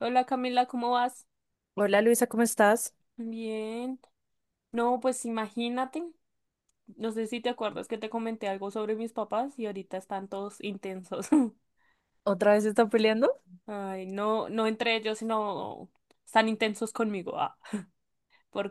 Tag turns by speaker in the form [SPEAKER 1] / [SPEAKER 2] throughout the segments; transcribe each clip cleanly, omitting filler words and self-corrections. [SPEAKER 1] Hola Camila, ¿cómo vas?
[SPEAKER 2] Hola Luisa, ¿cómo estás?
[SPEAKER 1] Bien. No, pues imagínate, no sé si te acuerdas que te comenté algo sobre mis papás y ahorita están todos intensos.
[SPEAKER 2] ¿Otra vez están peleando?
[SPEAKER 1] Ay, no, no entre ellos, sino están intensos conmigo, ah,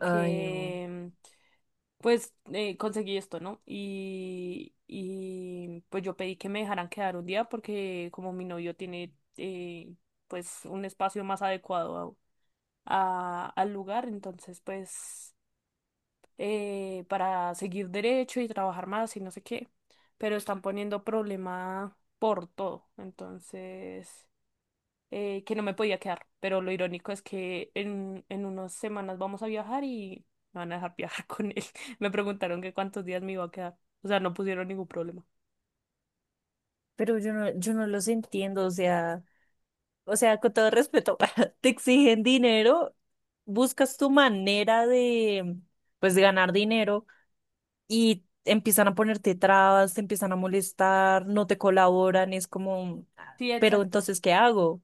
[SPEAKER 2] Ay, no.
[SPEAKER 1] pues conseguí esto, ¿no? Y pues yo pedí que me dejaran quedar un día porque como mi novio tiene pues un espacio más adecuado al lugar, entonces pues... para seguir derecho y trabajar más y no sé qué, pero están poniendo problema por todo, entonces, que no me podía quedar, pero lo irónico es que en unas semanas vamos a viajar y me van a dejar viajar con él. Me preguntaron que cuántos días me iba a quedar, o sea, no pusieron ningún problema.
[SPEAKER 2] Pero yo no los entiendo, o sea, con todo respeto, te exigen dinero, buscas tu manera de, pues, de ganar dinero y empiezan a ponerte trabas, te empiezan a molestar, no te colaboran, es como, "Ah,
[SPEAKER 1] Sí,
[SPEAKER 2] pero
[SPEAKER 1] exacto.
[SPEAKER 2] entonces, ¿qué hago?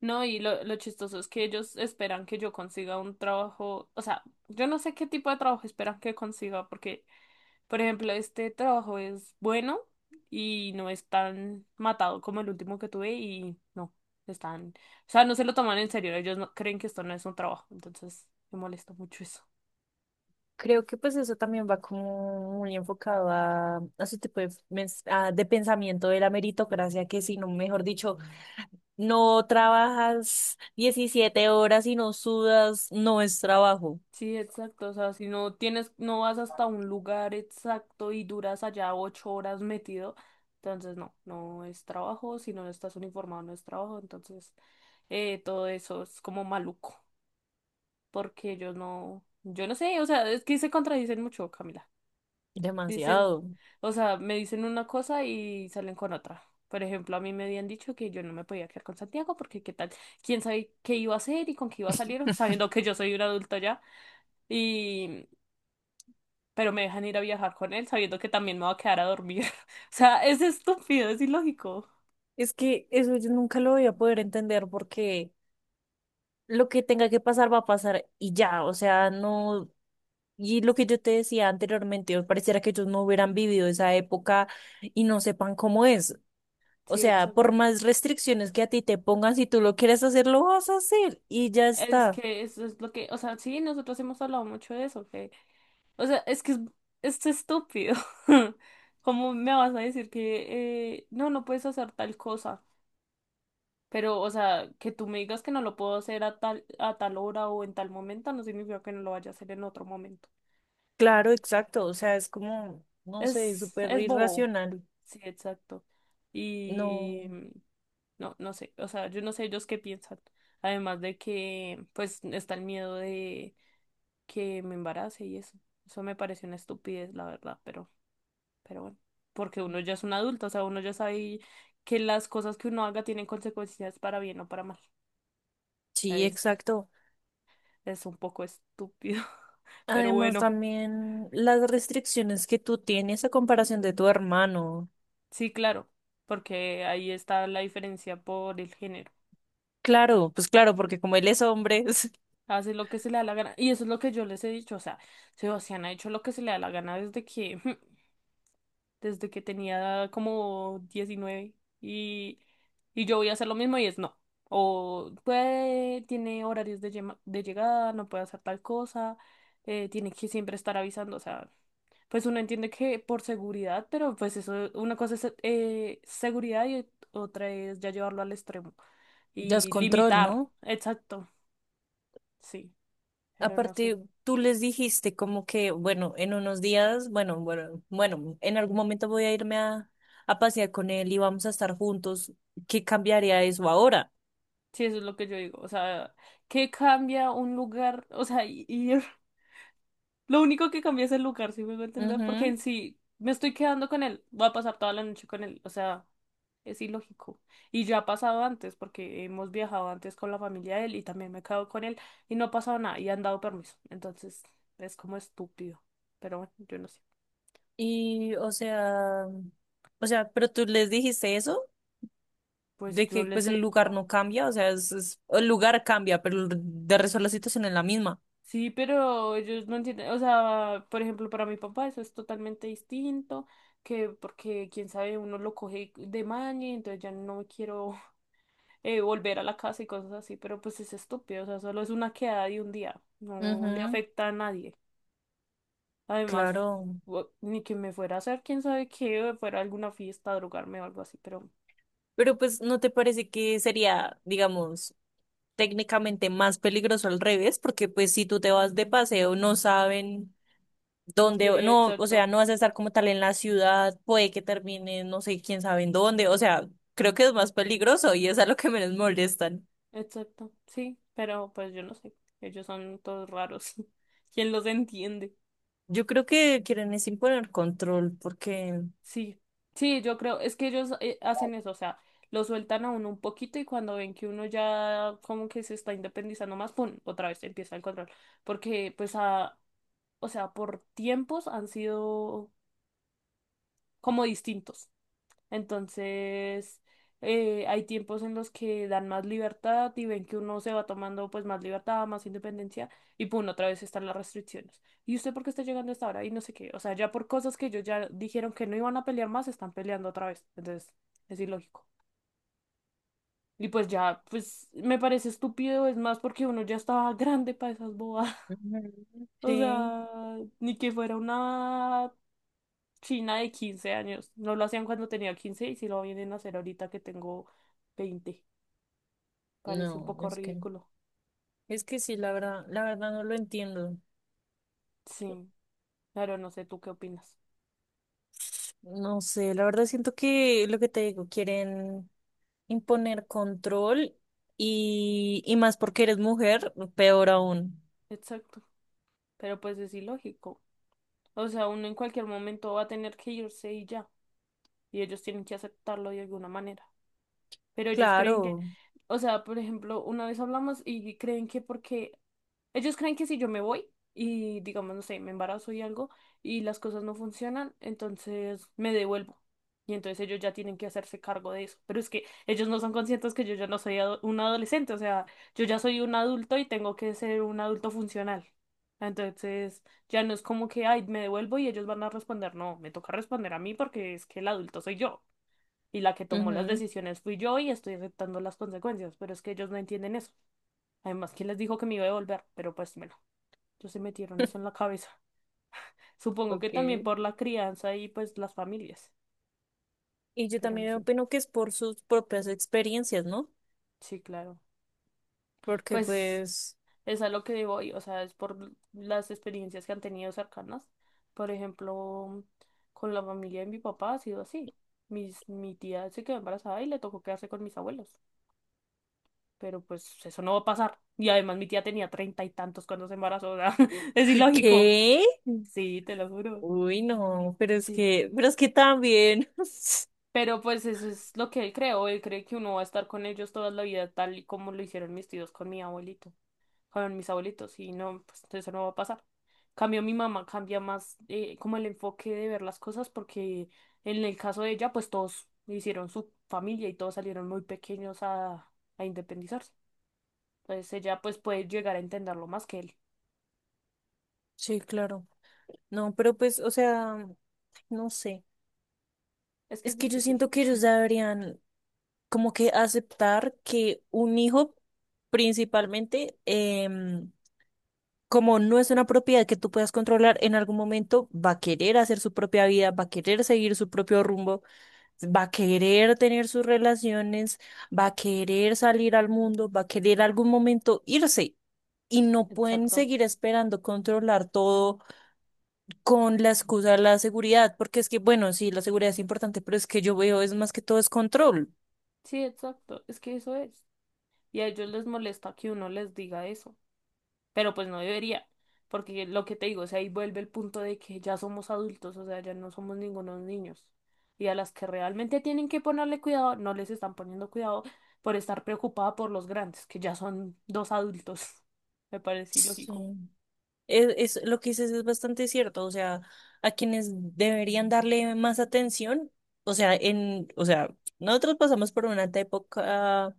[SPEAKER 1] No, y lo chistoso es que ellos esperan que yo consiga un trabajo, o sea, yo no sé qué tipo de trabajo esperan que consiga, porque por ejemplo, este trabajo es bueno y no es tan matado como el último que tuve y no, están, o sea, no se lo toman en serio, ellos no, creen que esto no es un trabajo, entonces me molesta mucho eso.
[SPEAKER 2] Creo que pues eso también va como muy enfocado a su tipo de, de pensamiento de la meritocracia, que si no, mejor dicho, no trabajas 17 horas y no sudas, no es trabajo.
[SPEAKER 1] Sí, exacto, o sea, si no tienes, no vas hasta un lugar exacto y duras allá 8 horas metido, entonces no, no es trabajo, si no estás uniformado no es trabajo, entonces todo eso es como maluco, porque ellos no, yo no sé, o sea, es que se contradicen mucho, Camila. Dicen,
[SPEAKER 2] Demasiado.
[SPEAKER 1] o sea, me dicen una cosa y salen con otra. Por ejemplo, a mí me habían dicho que yo no me podía quedar con Santiago porque qué tal, quién sabe qué iba a hacer y con qué iba a salir, sabiendo que yo soy un adulto ya. Y, pero me dejan ir a viajar con él sabiendo que también me va a quedar a dormir. O sea, es estúpido, es ilógico.
[SPEAKER 2] Es que eso yo nunca lo voy a poder entender porque lo que tenga que pasar va a pasar y ya, o sea, no. Y lo que yo te decía anteriormente, pareciera que ellos no hubieran vivido esa época y no sepan cómo es. O
[SPEAKER 1] Sí,
[SPEAKER 2] sea, por
[SPEAKER 1] exacto.
[SPEAKER 2] más restricciones que a ti te pongan, si tú lo quieres hacer, lo vas a hacer y ya
[SPEAKER 1] Es
[SPEAKER 2] está.
[SPEAKER 1] que eso es lo que, o sea, sí, nosotros hemos hablado mucho de eso, que, o sea, es que es estúpido. ¿Cómo me vas a decir que no, no puedes hacer tal cosa? Pero, o sea, que tú me digas que no lo puedo hacer a tal hora o en tal momento, no significa que no lo vaya a hacer en otro momento.
[SPEAKER 2] Claro, exacto. O sea, es como, no sé, súper
[SPEAKER 1] Es bobo.
[SPEAKER 2] irracional.
[SPEAKER 1] Sí, exacto. Y
[SPEAKER 2] No.
[SPEAKER 1] no, no sé. O sea, yo no sé ellos qué piensan. Además de que, pues, está el miedo de que me embarace y eso. Eso me parece una estupidez, la verdad, pero bueno. Porque uno ya es un adulto, o sea, uno ya sabe que las cosas que uno haga tienen consecuencias para bien o para mal.
[SPEAKER 2] Sí,
[SPEAKER 1] ¿Sabes?
[SPEAKER 2] exacto.
[SPEAKER 1] Es un poco estúpido, pero
[SPEAKER 2] Además,
[SPEAKER 1] bueno,
[SPEAKER 2] también las restricciones que tú tienes a comparación de tu hermano.
[SPEAKER 1] sí, claro, porque ahí está la diferencia por el género.
[SPEAKER 2] Claro, pues claro, porque como él es hombre,
[SPEAKER 1] Hace lo que se le da la gana. Y eso es lo que yo les he dicho. O sea, Sebastián ha hecho lo que se le da la gana desde que desde que tenía como 19 y, y yo voy a hacer lo mismo y es no. O puede, tiene horarios de, de llegada, no puede hacer tal cosa, tiene que siempre estar avisando, o sea, pues uno entiende que por seguridad, pero pues eso, una cosa es seguridad y otra es ya llevarlo al extremo
[SPEAKER 2] ya es
[SPEAKER 1] y
[SPEAKER 2] control,
[SPEAKER 1] limitar,
[SPEAKER 2] ¿no?
[SPEAKER 1] exacto, sí, pero no sé.
[SPEAKER 2] Aparte, tú les dijiste como que, bueno, en unos días, bueno, en algún momento voy a irme a pasear con él y vamos a estar juntos. ¿Qué cambiaría eso ahora?
[SPEAKER 1] Sí, eso es lo que yo digo. O sea, ¿qué cambia un lugar? O sea, ir lo único que cambia es el lugar, si me voy a entender, porque
[SPEAKER 2] Ujú.
[SPEAKER 1] en sí me estoy quedando con él, voy a pasar toda la noche con él, o sea, es ilógico. Y ya ha pasado antes, porque hemos viajado antes con la familia de él y también me he quedado con él y no ha pasado nada y han dado permiso. Entonces, es como estúpido, pero bueno, yo no sé.
[SPEAKER 2] Y, o sea, pero tú les dijiste eso,
[SPEAKER 1] Pues
[SPEAKER 2] de
[SPEAKER 1] yo
[SPEAKER 2] que pues
[SPEAKER 1] les he
[SPEAKER 2] el lugar
[SPEAKER 1] dicho,
[SPEAKER 2] no cambia, o sea, el lugar cambia, pero el de resto la situación es la misma.
[SPEAKER 1] sí, pero ellos no entienden, o sea, por ejemplo, para mi papá eso es totalmente distinto, que porque quién sabe, uno lo coge de maña, entonces ya no quiero volver a la casa y cosas así, pero pues es estúpido, o sea, solo es una quedada de un día, no no le
[SPEAKER 2] Ujú.
[SPEAKER 1] afecta a nadie. Además,
[SPEAKER 2] Claro.
[SPEAKER 1] ni que me fuera a hacer, quién sabe qué, o fuera a alguna fiesta, a drogarme o algo así, pero
[SPEAKER 2] Pero pues ¿no te parece que sería, digamos, técnicamente más peligroso al revés? Porque pues si tú te vas de paseo, no saben
[SPEAKER 1] sí,
[SPEAKER 2] dónde, no, o sea,
[SPEAKER 1] exacto,
[SPEAKER 2] no vas a estar como tal en la ciudad, puede que termine, no sé quién sabe en dónde, o sea, creo que es más peligroso y es a lo que menos molestan.
[SPEAKER 1] exacto, sí, pero pues yo no sé, ellos son todos raros, ¿quién los entiende?
[SPEAKER 2] Yo creo que quieren es imponer control porque...
[SPEAKER 1] Sí, sí, yo creo, es que ellos hacen eso, o sea, lo sueltan a uno un poquito y cuando ven que uno ya como que se está independizando más, pum, otra vez empieza el control, porque pues a o sea, por tiempos han sido como distintos. Entonces, hay tiempos en los que dan más libertad y ven que uno se va tomando pues más libertad, más independencia y pum, otra vez están las restricciones. ¿Y usted por qué está llegando a esta hora? Y no sé qué. O sea, ya por cosas que ellos ya dijeron que no iban a pelear más, están peleando otra vez. Entonces, es ilógico. Y pues ya, pues me parece estúpido, es más porque uno ya estaba grande para esas bobadas.
[SPEAKER 2] Ujú.
[SPEAKER 1] O
[SPEAKER 2] Sí.
[SPEAKER 1] sea, ni que fuera una China de 15 años. No lo hacían cuando tenía 15 y si lo vienen a hacer ahorita que tengo 20, parece un
[SPEAKER 2] No,
[SPEAKER 1] poco ridículo.
[SPEAKER 2] es que sí, la verdad no lo entiendo.
[SPEAKER 1] Sí, claro, no sé tú qué opinas.
[SPEAKER 2] No sé, la verdad siento que lo que te digo, quieren imponer control y más porque eres mujer, peor aún.
[SPEAKER 1] Exacto. Pero pues es ilógico. O sea, uno en cualquier momento va a tener que irse y ya. Y ellos tienen que aceptarlo de alguna manera. Pero ellos creen que,
[SPEAKER 2] Claro.
[SPEAKER 1] o sea, por ejemplo, una vez hablamos y creen que porque ellos creen que si yo me voy y digamos, no sé, me embarazo y algo y las cosas no funcionan, entonces me devuelvo. Y entonces ellos ya tienen que hacerse cargo de eso. Pero es que ellos no son conscientes que yo ya no soy un adolescente, o sea, yo ya soy un adulto y tengo que ser un adulto funcional. Entonces ya no es como que, ay, me devuelvo y ellos van a responder, no, me toca responder a mí porque es que el adulto soy yo y la que tomó las
[SPEAKER 2] Ujú.
[SPEAKER 1] decisiones fui yo y estoy aceptando las consecuencias, pero es que ellos no entienden eso. Además, ¿quién les dijo que me iba a devolver? Pero pues bueno, ellos se metieron eso en la cabeza. Supongo que también
[SPEAKER 2] Okay.
[SPEAKER 1] por la crianza y pues las familias,
[SPEAKER 2] Y yo
[SPEAKER 1] pero no
[SPEAKER 2] también
[SPEAKER 1] sé.
[SPEAKER 2] opino que es por sus propias experiencias, ¿no?
[SPEAKER 1] Sí, claro.
[SPEAKER 2] Porque
[SPEAKER 1] Pues
[SPEAKER 2] pues,
[SPEAKER 1] es a lo que voy, o sea, es por las experiencias que han tenido cercanas. Por ejemplo, con la familia de mi papá ha sido así. Mi tía se quedó embarazada y le tocó quedarse con mis abuelos. Pero pues eso no va a pasar. Y además mi tía tenía treinta y tantos cuando se embarazó, o sea, es ilógico.
[SPEAKER 2] ¿qué?
[SPEAKER 1] Sí, te lo juro.
[SPEAKER 2] Uy, no,
[SPEAKER 1] Sí.
[SPEAKER 2] pero es que también.
[SPEAKER 1] Pero pues eso es lo que él creó. Él cree que uno va a estar con ellos toda la vida, tal y como lo hicieron mis tíos con mi abuelito, con mis abuelitos, y no, pues eso no va a pasar. Cambio mi mamá, cambia más como el enfoque de ver las cosas, porque en el caso de ella, pues todos hicieron su familia y todos salieron muy pequeños a independizarse. Entonces ella pues puede llegar a entenderlo más que él.
[SPEAKER 2] Sí, claro. No, pero pues, o sea, no sé.
[SPEAKER 1] Es que es
[SPEAKER 2] Es que yo
[SPEAKER 1] difícil.
[SPEAKER 2] siento que ellos deberían como que aceptar que un hijo principalmente, em, como no es una propiedad que tú puedas controlar, en algún momento va a querer hacer su propia vida, va a querer seguir su propio rumbo, va a querer tener sus relaciones, va a querer salir al mundo, va a querer algún momento irse. Y no pueden
[SPEAKER 1] Exacto.
[SPEAKER 2] seguir esperando controlar todo con la excusa de la seguridad, porque es que, bueno, sí, la seguridad es importante, pero es que yo veo es más que todo es control.
[SPEAKER 1] Sí, exacto. Es que eso es. Y a ellos les molesta que uno les diga eso. Pero pues no debería. Porque lo que te digo, o sea, ahí vuelve el punto de que ya somos adultos, o sea, ya no somos ningunos niños. Y a las que realmente tienen que ponerle cuidado, no les están poniendo cuidado por estar preocupada por los grandes, que ya son dos adultos. Me parece ilógico.
[SPEAKER 2] Sí. Lo que dices es bastante cierto, o sea, a quienes deberían darle más atención, o sea, en, o sea, nosotros pasamos por una época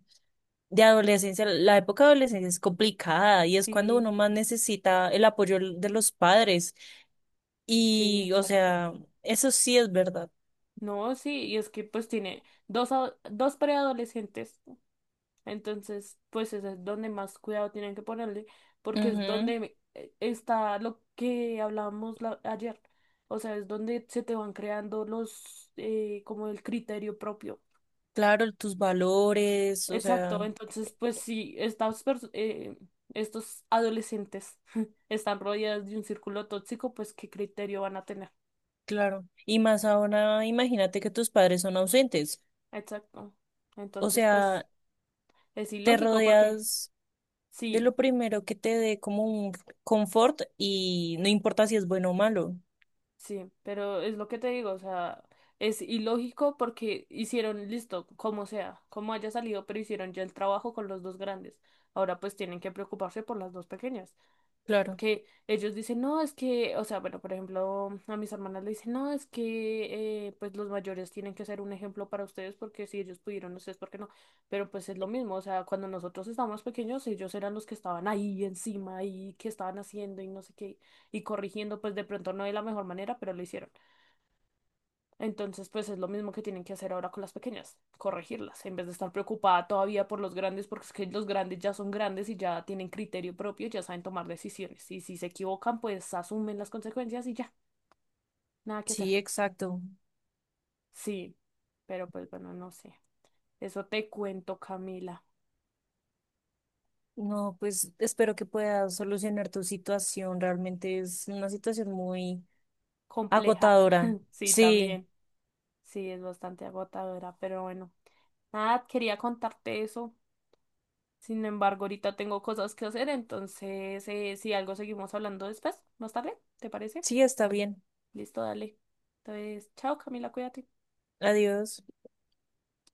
[SPEAKER 2] de adolescencia, la época de adolescencia es complicada y es cuando uno
[SPEAKER 1] Sí,
[SPEAKER 2] más necesita el apoyo de los padres
[SPEAKER 1] sí,
[SPEAKER 2] y, o
[SPEAKER 1] exacto.
[SPEAKER 2] sea, eso sí es verdad.
[SPEAKER 1] No, sí, y es que pues tiene a dos preadolescentes. Entonces, pues eso es donde más cuidado tienen que ponerle, porque es
[SPEAKER 2] Ujú.
[SPEAKER 1] donde está lo que hablábamos ayer. O sea, es donde se te van creando los, como el criterio propio.
[SPEAKER 2] Claro, tus valores, o sea,
[SPEAKER 1] Exacto, entonces, pues si estas estos adolescentes están rodeados de un círculo tóxico, pues ¿qué criterio van a tener?
[SPEAKER 2] claro. Y más ahora, imagínate que tus padres son ausentes,
[SPEAKER 1] Exacto.
[SPEAKER 2] o
[SPEAKER 1] Entonces, pues
[SPEAKER 2] sea,
[SPEAKER 1] es
[SPEAKER 2] te
[SPEAKER 1] ilógico porque
[SPEAKER 2] rodeas de
[SPEAKER 1] sí.
[SPEAKER 2] lo primero que te dé como un confort y no importa si es bueno o malo.
[SPEAKER 1] Sí, pero es lo que te digo, o sea, es ilógico porque hicieron listo, como sea, como haya salido, pero hicieron ya el trabajo con los dos grandes. Ahora pues tienen que preocuparse por las dos pequeñas.
[SPEAKER 2] Claro,
[SPEAKER 1] Porque ellos dicen, no, es que, o sea, bueno, por ejemplo, a mis hermanas le dicen, no, es que, pues los mayores tienen que ser un ejemplo para ustedes porque si ellos pudieron, ustedes, ¿por qué no? Pero pues es lo mismo, o sea, cuando nosotros estábamos pequeños, ellos eran los que estaban ahí encima y que estaban haciendo y no sé qué, y corrigiendo, pues de pronto no de la mejor manera, pero lo hicieron. Entonces, pues es lo mismo que tienen que hacer ahora con las pequeñas, corregirlas, en vez de estar preocupada todavía por los grandes, porque es que los grandes ya son grandes y ya tienen criterio propio, ya saben tomar decisiones. Y si se equivocan, pues asumen las consecuencias y ya, nada que hacer.
[SPEAKER 2] sí, exacto.
[SPEAKER 1] Sí, pero pues bueno, no sé. Eso te cuento, Camila.
[SPEAKER 2] No, pues espero que puedas solucionar tu situación. Realmente es una situación muy
[SPEAKER 1] Compleja.
[SPEAKER 2] agotadora.
[SPEAKER 1] Sí,
[SPEAKER 2] Sí,
[SPEAKER 1] también. Sí, es bastante agotadora, pero bueno. Nada, quería contarte eso. Sin embargo, ahorita tengo cosas que hacer, entonces si algo seguimos hablando después, más tarde, ¿te parece?
[SPEAKER 2] sí, está bien.
[SPEAKER 1] Listo, dale. Entonces, chao Camila, cuídate.
[SPEAKER 2] Adiós.